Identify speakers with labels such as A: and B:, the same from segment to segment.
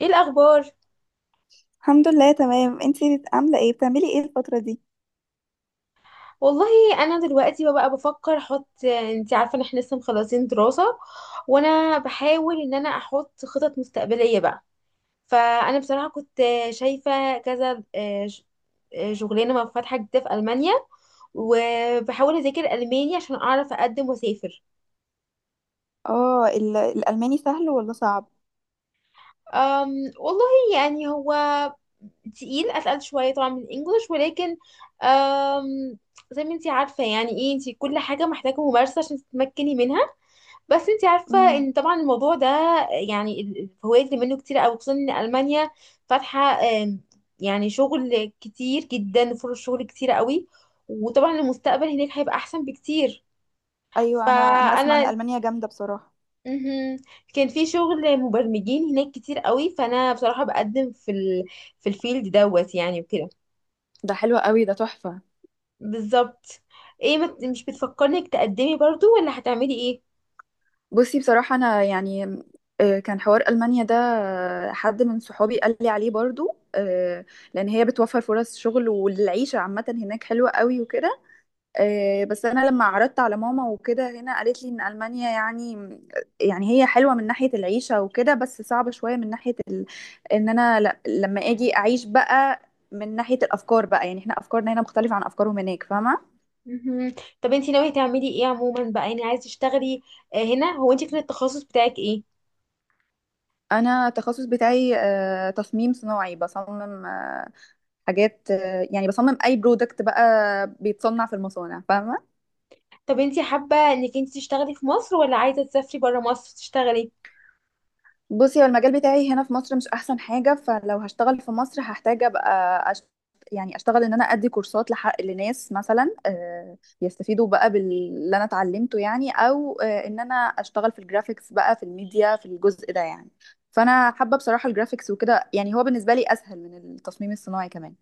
A: ايه الاخبار؟
B: الحمد لله، تمام. انتي عامله ايه؟ بتعملي ايه الفتره دي؟
A: والله انا دلوقتي بقى بفكر احط، انت عارفه ان احنا لسه مخلصين دراسه، وانا بحاول ان انا احط خطط مستقبليه بقى. فانا بصراحه كنت شايفه كذا، شغلانه فاتحه جديده في المانيا، وبحاول اذاكر الماني عشان اعرف اقدم واسافر.
B: اه، الالماني سهل ولا صعب؟
A: أم والله يعني هو تقيل، اتقل شويه طبعا من الانجليش، ولكن أم زي ما انت عارفه يعني ايه، انت كل حاجه محتاجه ممارسه عشان تتمكني منها. بس انت عارفة
B: امم.
A: ان طبعا الموضوع ده، يعني الفوائد اللي منه كتير قوي، خصوصا ان المانيا فاتحة، يعني شغل كتير جدا، فرص شغل كتير قوي، وطبعا المستقبل هناك هيبقى احسن بكتير.
B: ايوه، انا اسمع ان
A: فانا
B: المانيا جامده بصراحه.
A: مهم. كان في شغل مبرمجين هناك كتير قوي، فانا بصراحة بقدم في الفيلد دوت يعني وكده.
B: ده حلو قوي، ده تحفه.
A: بالظبط. ايه، مش بتفكرنك تقدمي برضو، ولا هتعملي ايه؟
B: بصي بصراحه انا كان حوار المانيا ده، حد من صحابي قال لي عليه برضو، لان هي بتوفر فرص شغل والعيشه عامه هناك حلوه قوي وكده. بس انا لما عرضت على ماما وكده هنا، قالت لي ان المانيا يعني، يعني هي حلوه من ناحيه العيشه وكده بس صعبه شويه من ناحيه ان انا لما اجي اعيش بقى، من ناحيه الافكار بقى. يعني احنا افكارنا هنا مختلفه عن افكارهم هناك، فاهمه؟
A: مهم. طب انتي ناوية تعملي ايه عموما بقى، يعني عايزة تشتغلي؟ هنا، هو انتي كان التخصص بتاعك ايه؟
B: انا التخصص بتاعي تصميم صناعي. بصمم حاجات، يعني بصمم اي برودكت بقى بيتصنع في المصانع، فاهمه؟
A: طب انتي حابة انك انتي تشتغلي في مصر، ولا عايزة تسافري برا مصر تشتغلي؟
B: بصي هو المجال بتاعي هنا في مصر مش احسن حاجه، فلو هشتغل في مصر هحتاج ابقى يعني اشتغل ان انا ادي كورسات لحق لناس مثلا، يستفيدوا بقى باللي انا اتعلمته يعني، او ان انا اشتغل في الجرافيكس بقى، في الميديا، في الجزء ده يعني. فانا حابه بصراحه الجرافيكس وكده، يعني هو بالنسبه لي اسهل من التصميم الصناعي كمان.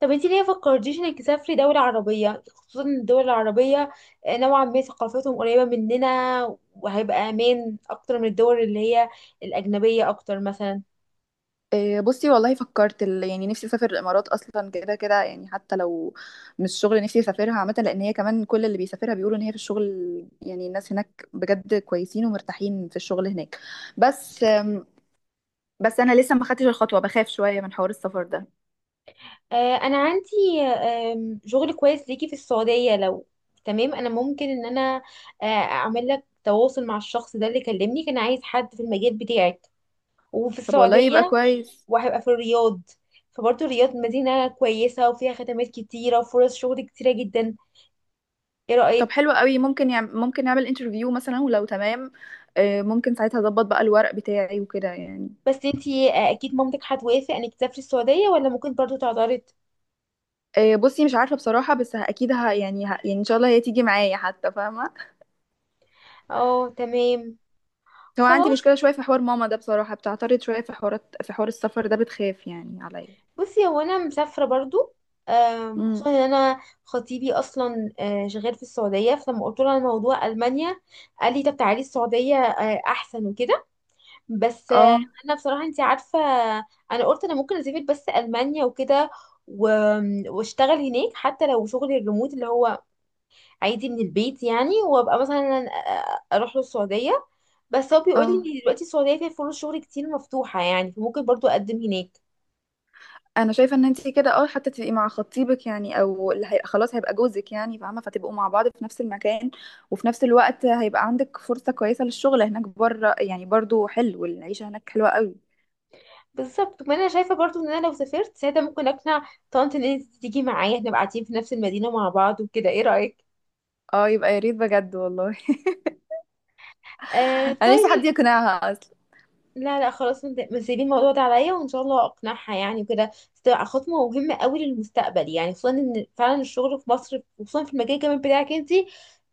A: طب انتي ليه فكرتيش انك تسافري دولة عربية؟ خصوصا ان الدول العربية نوعا ما ثقافتهم قريبة مننا، وهيبقى امان اكتر من الدول اللي هي الاجنبية اكتر مثلا.
B: إيه، بصي والله فكرت يعني نفسي اسافر الامارات اصلا، كده كده يعني حتى لو مش شغل نفسي اسافرها عامه، لان هي كمان كل اللي بيسافرها بيقولوا ان هي في الشغل، يعني الناس هناك بجد كويسين ومرتاحين في الشغل هناك. بس بس انا لسه ما خدتش الخطوه، بخاف شويه من حوار السفر ده.
A: انا عندي شغل كويس ليكي في السعوديه، لو تمام انا ممكن ان انا اعمل لك تواصل مع الشخص ده اللي كلمني، كان عايز حد في المجال بتاعك وفي
B: طب والله يبقى
A: السعوديه،
B: كويس.
A: وهيبقى في الرياض. فبرضه الرياض مدينه كويسه، وفيها خدمات كتيره وفرص شغل كتيره جدا. ايه
B: طب
A: رايك؟
B: حلو قوي، ممكن ممكن نعمل انترفيو مثلا، ولو تمام، إيه، ممكن ساعتها اظبط بقى الورق بتاعي وكده يعني.
A: بس انتي اكيد مامتك هتوافق انك تسافري السعوديه، ولا ممكن برضه تعترض؟
B: إيه، بصي مش عارفه بصراحه، بس اكيد يعني يعني ان شاء الله هي تيجي معايا حتى، فاهمه؟
A: اه، تمام.
B: هو عندي
A: خلاص.
B: مشكلة شوية في حوار ماما ده بصراحة، بتعترض شوية في حوارات، في حوار السفر ده بتخاف يعني عليا.
A: بصي، هو انا مسافره برضو،
B: امم.
A: خصوصا ان انا خطيبي اصلا شغال في السعوديه، فلما قلت له على موضوع المانيا قال لي طب تعالي السعوديه احسن وكده. بس
B: اه.
A: انا بصراحه انت عارفه، انا قلت انا ممكن اسافر بس المانيا وكده، واشتغل هناك حتى لو شغل الريموت اللي هو عادي من البيت يعني، وابقى مثلا اروح له السعوديه. بس هو بيقول لي
B: اه،
A: ان دلوقتي السعوديه فيها فرص شغل كتير مفتوحه يعني، فممكن برضو اقدم هناك.
B: انا شايفة ان انتي كده اه حتى تبقي مع خطيبك يعني، او اللي هي خلاص هيبقى جوزك يعني، فاهمة؟ فتبقوا مع بعض في نفس المكان، وفي نفس الوقت هيبقى عندك فرصة كويسة للشغل هناك بره يعني، برضو حلو العيشة هناك حلوة قوي.
A: بالظبط. ما انا شايفه برضو ان انا لو سافرت ساعتها ممكن اقنع طنط ان انت تيجي معايا، احنا نبقى قاعدين في نفس المدينه مع بعض وكده. ايه رايك؟
B: اه يبقى يا ريت بجد والله.
A: آه،
B: انا نفسي حد
A: طيب.
B: يقنعها اصلا.
A: لا، لا، خلاص، انت سيبي الموضوع ده عليا، وان شاء الله اقنعها يعني وكده. بس تبقى خطوه مهمه قوي للمستقبل يعني، خصوصا ان فعلا الشغل في مصر، خصوصا في المجال كمان بتاعك انت،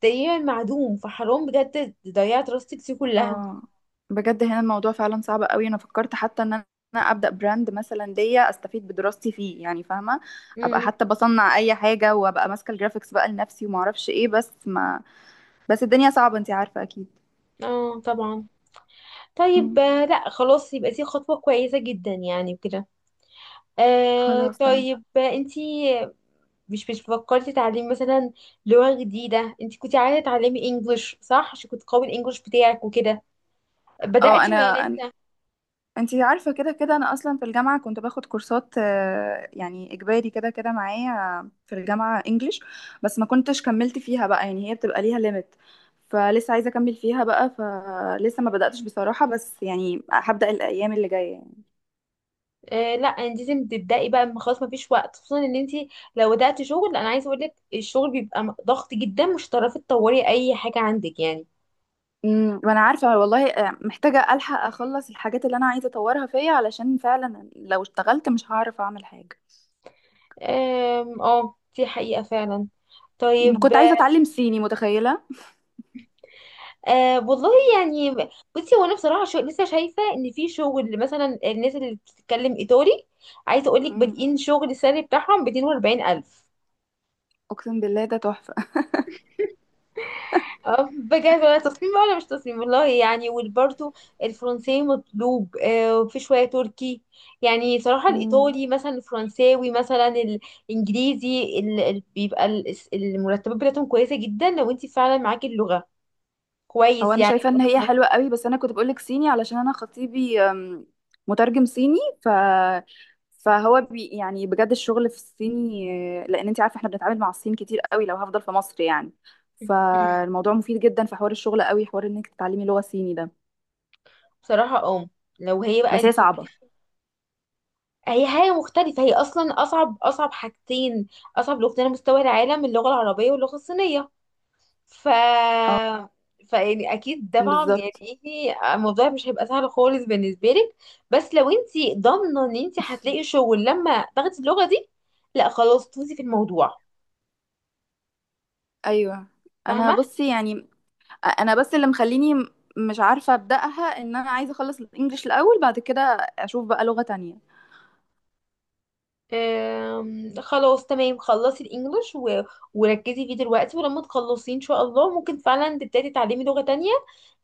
A: تقريبا معدوم، فحرام بجد ضيعت دراستك دي كلها.
B: اه بجد هنا الموضوع فعلا صعب قوي. انا فكرت حتى ان انا ابدا براند مثلا ليا استفيد بدراستي فيه يعني، فاهمه؟ ابقى
A: امم.
B: حتى بصنع اي حاجه وابقى ماسكه الجرافيكس بقى لنفسي، وما اعرفش ايه. بس ما، بس الدنيا صعبه، انتي عارفه اكيد.
A: اه، طبعا.
B: مم.
A: طيب، لا، خلاص، يبقى دي خطوه كويسه جدا يعني وكده. آه،
B: خلاص تمام.
A: طيب. انتي مش فكرتي تعليم مثلا لغة جديدة؟ انت كنت عايزة تتعلمي انجلش، صح؟ عشان كنت قوي الانجلش بتاعك وكده.
B: اه
A: بدأتي ولا
B: انا،
A: لسه؟
B: انتي عارفة كده كده انا اصلا في الجامعة كنت باخد كورسات، يعني اجباري كده كده معايا في الجامعة انجليش، بس ما كنتش كملت فيها بقى، يعني هي بتبقى ليها ليميت. فلسه عايزة اكمل فيها بقى، فلسه ما بدأتش بصراحة، بس يعني هبدأ الايام اللي جاية يعني.
A: آه، لا، يعني انت لازم تبدأي بقى، ما خلاص مفيش وقت، خصوصا ان انت لو بدأتي شغل، انا عايزة اقول لك الشغل بيبقى ضغط جدا، مش هتعرفي تطوري اي حاجة عندك يعني.
B: امم، وانا عارفة والله، محتاجة الحق اخلص الحاجات اللي انا عايزة اطورها فيا، علشان فعلا لو اشتغلت مش هعرف اعمل حاجة.
A: اه، دي حقيقة فعلا.
B: مم،
A: طيب.
B: كنت عايزة اتعلم صيني، متخيلة؟
A: أه، والله يعني بصي، هو انا بصراحه شو لسه شايفه ان في شغل مثلا الناس اللي بتتكلم ايطالي، عايزه اقول لك
B: امم.
A: بادئين شغل السالري بتاعهم ب 240,000.
B: اقسم بالله ده تحفة.
A: اه، بجد. ولا تصميم بقى ولا مش تصميم والله يعني، وبرده الفرنسي مطلوب، وفي شويه تركي. يعني صراحه
B: مم.
A: الايطالي مثلا، الفرنساوي مثلا، الانجليزي، بيبقى المرتبات بتاعتهم كويسه جدا لو انت فعلا معاكي اللغه
B: هو
A: كويس
B: انا
A: يعني.
B: شايفه ان هي
A: في القناة.
B: حلوه قوي، بس انا كنت بقولك صيني علشان انا خطيبي مترجم صيني، فهو يعني بجد الشغل في الصيني، لان انت عارفه احنا بنتعامل مع الصين كتير قوي لو هفضل في مصر يعني. فالموضوع مفيد جدا في حوار الشغل، قوي حوار انك تتعلمي لغه صيني ده.
A: بصراحه اه، لو هي بقى
B: بس هي
A: انت،
B: صعبه.
A: هي حاجة مختلفة، هي أصلا أصعب، أصعب حاجتين، أصعب لغتين على مستوى العالم، اللغة العربية واللغة الصينية. ف
B: اه.
A: فيعني أكيد طبعا
B: بالظبط.
A: يعني إيه، الموضوع مش هيبقى سهل خالص بالنسبة لك. بس لو أنت ضامنة إن أنت هتلاقي شغل لما تاخدي اللغة دي، لا خلاص تفوزي في الموضوع.
B: ايوه. انا
A: فاهمة.
B: بصي يعني، انا بس اللي مخليني مش عارفه ابداها ان انا عايزه اخلص الانجليش الاول، بعد كده اشوف بقى لغه تانية.
A: خلاص، تمام، خلصي الانجليش وركزي فيه دلوقتي، ولما تخلصيه ان شاء الله ممكن فعلا تبتدي تعلمي لغة تانية،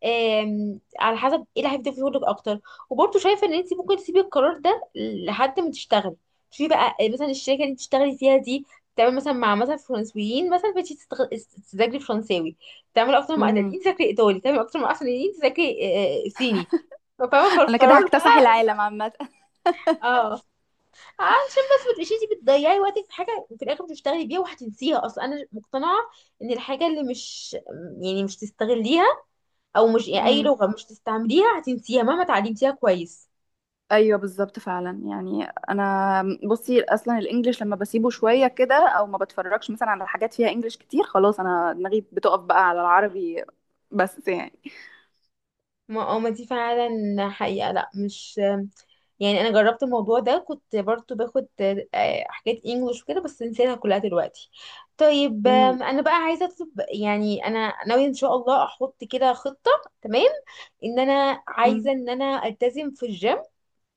A: على حسب ايه اللي هيفيدك شغلك اكتر. وبرضه شايفة ان انت ممكن تسيبي القرار ده لحد ما تشتغلي. شوفي بقى، مثلا الشركة اللي انت تشتغلي فيها دي تعمل مثلا مع مثلا فرنسويين مثلا، بتيجي تذاكري فرنساوي. تعمل اكتر مع
B: امم.
A: ايطاليين تذاكري ايطالي. تعمل اكتر مع اسبانيين تذاكري صيني. فاهمة،
B: انا كده
A: فالقرار
B: هكتسح
A: بقى.
B: العالم عامه.
A: اه، عشان بس ما تبقيش انتي بتضيعي وقتك في حاجه في الاخر مش هتشتغلي بيها وهتنسيها اصلا. انا مقتنعه ان الحاجه اللي مش، يعني مش تستغليها، او مش، يعني اي
B: امم.
A: لغه مش تستعمليها، هتنسيها مهما اتعلمتيها كويس.
B: ايوه بالظبط فعلا، يعني انا بصي اصلا الانجليش لما بسيبه شويه كده، او ما بتفرجش مثلا على حاجات فيها انجليش كتير، خلاص انا دماغي بتقف بقى على العربي، بس يعني.
A: ما اه، ما دي فعلا حقيقه، لا، مش يعني، انا جربت الموضوع ده، كنت برضو باخد حاجات انجلش وكده بس نسيتها كلها دلوقتي. طيب.
B: امم.
A: انا بقى عايزه اطلب، يعني انا ناويه ان شاء الله احط كده خطه، تمام، ان انا
B: امم.
A: عايزه ان انا التزم في الجيم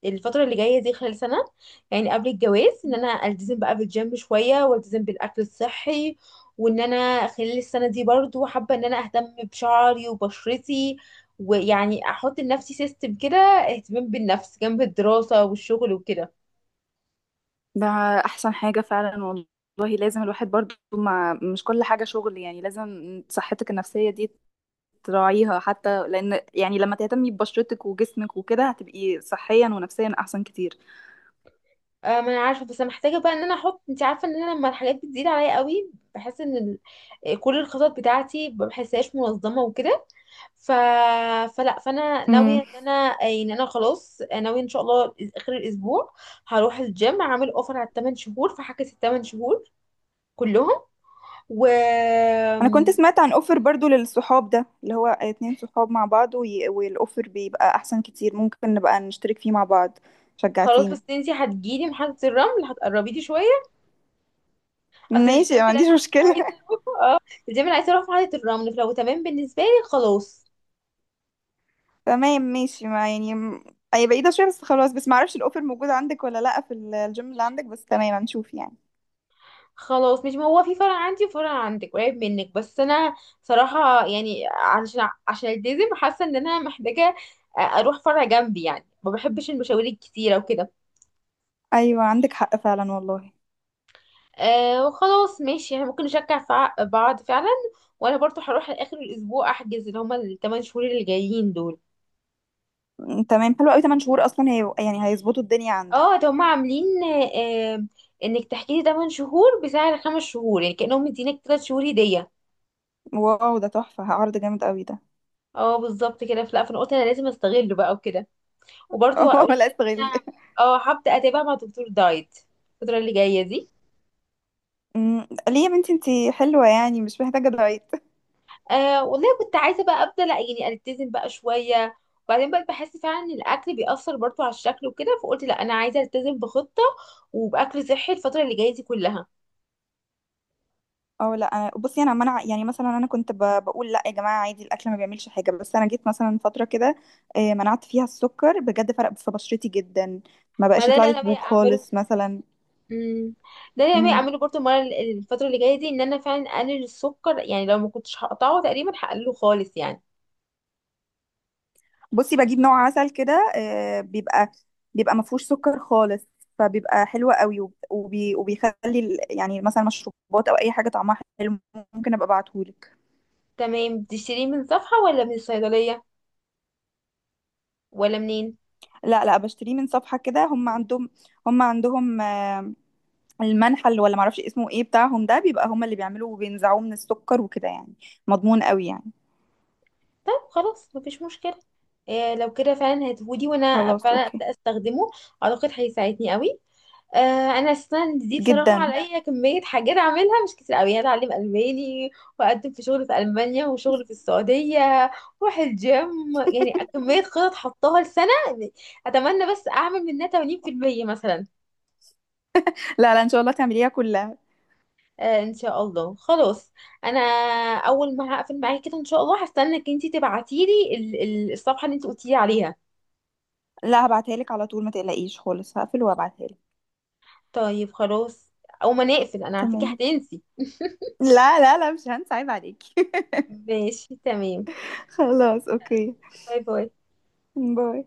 A: الفترة اللي جاية دي خلال سنة، يعني قبل الجواز ان انا التزم بقى بالجيم شوية، والتزم بالاكل الصحي، وان انا خلال السنة دي برضو حابة ان انا اهتم بشعري وبشرتي، ويعني احط لنفسي سيستم كده اهتمام بالنفس جنب الدراسة والشغل وكده.
B: ده احسن حاجه فعلا والله. لازم الواحد برضو، ما مش كل حاجه شغل يعني، لازم صحتك النفسيه دي تراعيها حتى، لان يعني لما تهتمي ببشرتك وجسمك وكده هتبقي صحيا ونفسيا احسن كتير.
A: آه، ما انا عارفة، بس انا محتاجة بقى ان انا احط، انت عارفة ان انا لما الحاجات بتزيد عليا قوي بحس ان كل الخطط بتاعتي ما بحسهاش منظمة وكده. ف... فلا، فانا ناويه ان انا خلاص ناويه ان شاء الله اخر الاسبوع هروح الجيم. عامل اوفر على الثمان شهور، فهحجز الثمان شهور كلهم. و
B: انا كنت سمعت عن اوفر برضو للصحاب ده، اللي هو اتنين صحاب مع بعض والاوفر بيبقى احسن كتير، ممكن نبقى نشترك فيه مع بعض.
A: خلاص،
B: شجعتيني.
A: بس انتي هتجيلي محطه الرمل هتقربي لي شويه. اصل
B: ماشي، ما
A: الجيم اللي
B: عنديش
A: انا كنت
B: مشكلة.
A: عايزه اروحه، اه، الجيم اللي عايزه اروحه في محطه الرمل، فلو تمام بالنسبه لي خلاص.
B: تمام ماشي، ما يعني م- هي بعيدة شوية بس خلاص، بس ما اعرفش الاوفر موجود عندك ولا لا في الجيم اللي عندك، بس تمام هنشوف يعني.
A: خلاص، مش، ما هو في فرع عندي وفرع عندك قريب منك، بس انا صراحة يعني عشان، التزم، حاسة ان انا محتاجة اروح فرع جنبي يعني، ما بحبش المشاوير الكتيرة وكده.
B: ايوه عندك حق فعلا والله.
A: أه، وخلاص ماشي، احنا ممكن نشجع بعض فعلا. وانا برضو هروح لاخر الاسبوع احجز اللي هما الثمان شهور اللي جايين دول.
B: تمام حلو قوي، 8 شهور اصلا هي يعني هيظبطوا الدنيا عندك.
A: اه، ده هما عاملين أه انك تحجزي 8 شهور بسعر خمس شهور، يعني كأنهم مدينك 3 شهور هدية.
B: واو ده تحفة، عرض جامد قوي ده.
A: اه، بالظبط كده، فلا، فانا قلت انا لازم استغله بقى وكده. وبرضه هقول
B: لا
A: ان
B: استغليه.
A: انا اه هبدا اتابع مع دكتور دايت الفتره اللي جايه دي.
B: م، ليه يا بنتي؟ انتي حلوة يعني، مش محتاجة دايت.
A: آه، والله كنت عايزه بقى ابدا، لا يعني التزم بقى شويه، وبعدين بقى بحس فعلا ان الاكل بيأثر برضه على الشكل وكده، فقلت لا، انا عايزه التزم بخطه وباكل صحي الفتره اللي جايه دي كلها.
B: اه لا انا بصي انا منع، يعني مثلا انا كنت بقول لا يا جماعه عادي الاكل ما بيعملش حاجه، بس انا جيت مثلا فتره كده منعت فيها السكر، بجد فرق في بشرتي جدا، ما
A: ما
B: بقاش
A: ده
B: يطلع
A: اللي
B: لي
A: انا ناويه
B: حبوب
A: اعمله.
B: خالص مثلا.
A: امم. ده اللي انا ناويه
B: مم.
A: اعمله برضه المره، الفتره اللي جايه دي، ان انا فعلا اقلل السكر، يعني لو ما كنتش هقطعه تقريبا هقلله خالص يعني.
B: بصي بجيب نوع عسل كده، بيبقى ما فيهوش سكر خالص، فبيبقى حلو قوي وبيخلي يعني مثلا مشروبات او اي حاجه طعمها حلو. ممكن ابقى ابعتهولك.
A: تمام، بتشتريه من صفحه ولا من الصيدليه، ولا منين؟
B: لا لا بشتريه من صفحه كده، هم عندهم المنحل ولا معرفش اسمه ايه بتاعهم ده، بيبقى هما اللي بيعملوا وبينزعوه من السكر وكده يعني، مضمون قوي يعني.
A: طب، خلاص، مفيش مشكلة. إيه، لو كده فعلا هتفودي، وانا
B: خلاص
A: فعلا
B: اوكي.
A: ابدا استخدمه، اعتقد هيساعدني قوي. آه، انا اساسا دي بصراحه
B: جدا.
A: عليا كميه حاجات اعملها مش كتير قوي، هتعلم الماني، واقدم في شغل في المانيا وشغل في السعوديه، واروح الجيم، يعني كميه خطط حطاها لسنه. اتمنى بس اعمل منها 80% مثلا.
B: لا لا ان شاء الله تعمليها كلها.
A: آه، ان شاء الله. خلاص، انا اول ما هقفل معاكي كده ان شاء الله هستنى انك انتي تبعتيلي الصفحه اللي انت قلتيلي عليها.
B: لا هبعتها لك على طول، ما تقلقيش خالص، هقفل وهبعتها لك.
A: طيب، خلاص. أول ما نقفل، أنا على فكرة
B: تمام.
A: هتنسي.
B: لا لا لا مش هنسى، عيب عليكي.
A: ماشي، تمام.
B: خلاص اوكي.
A: باي، باي.
B: باي.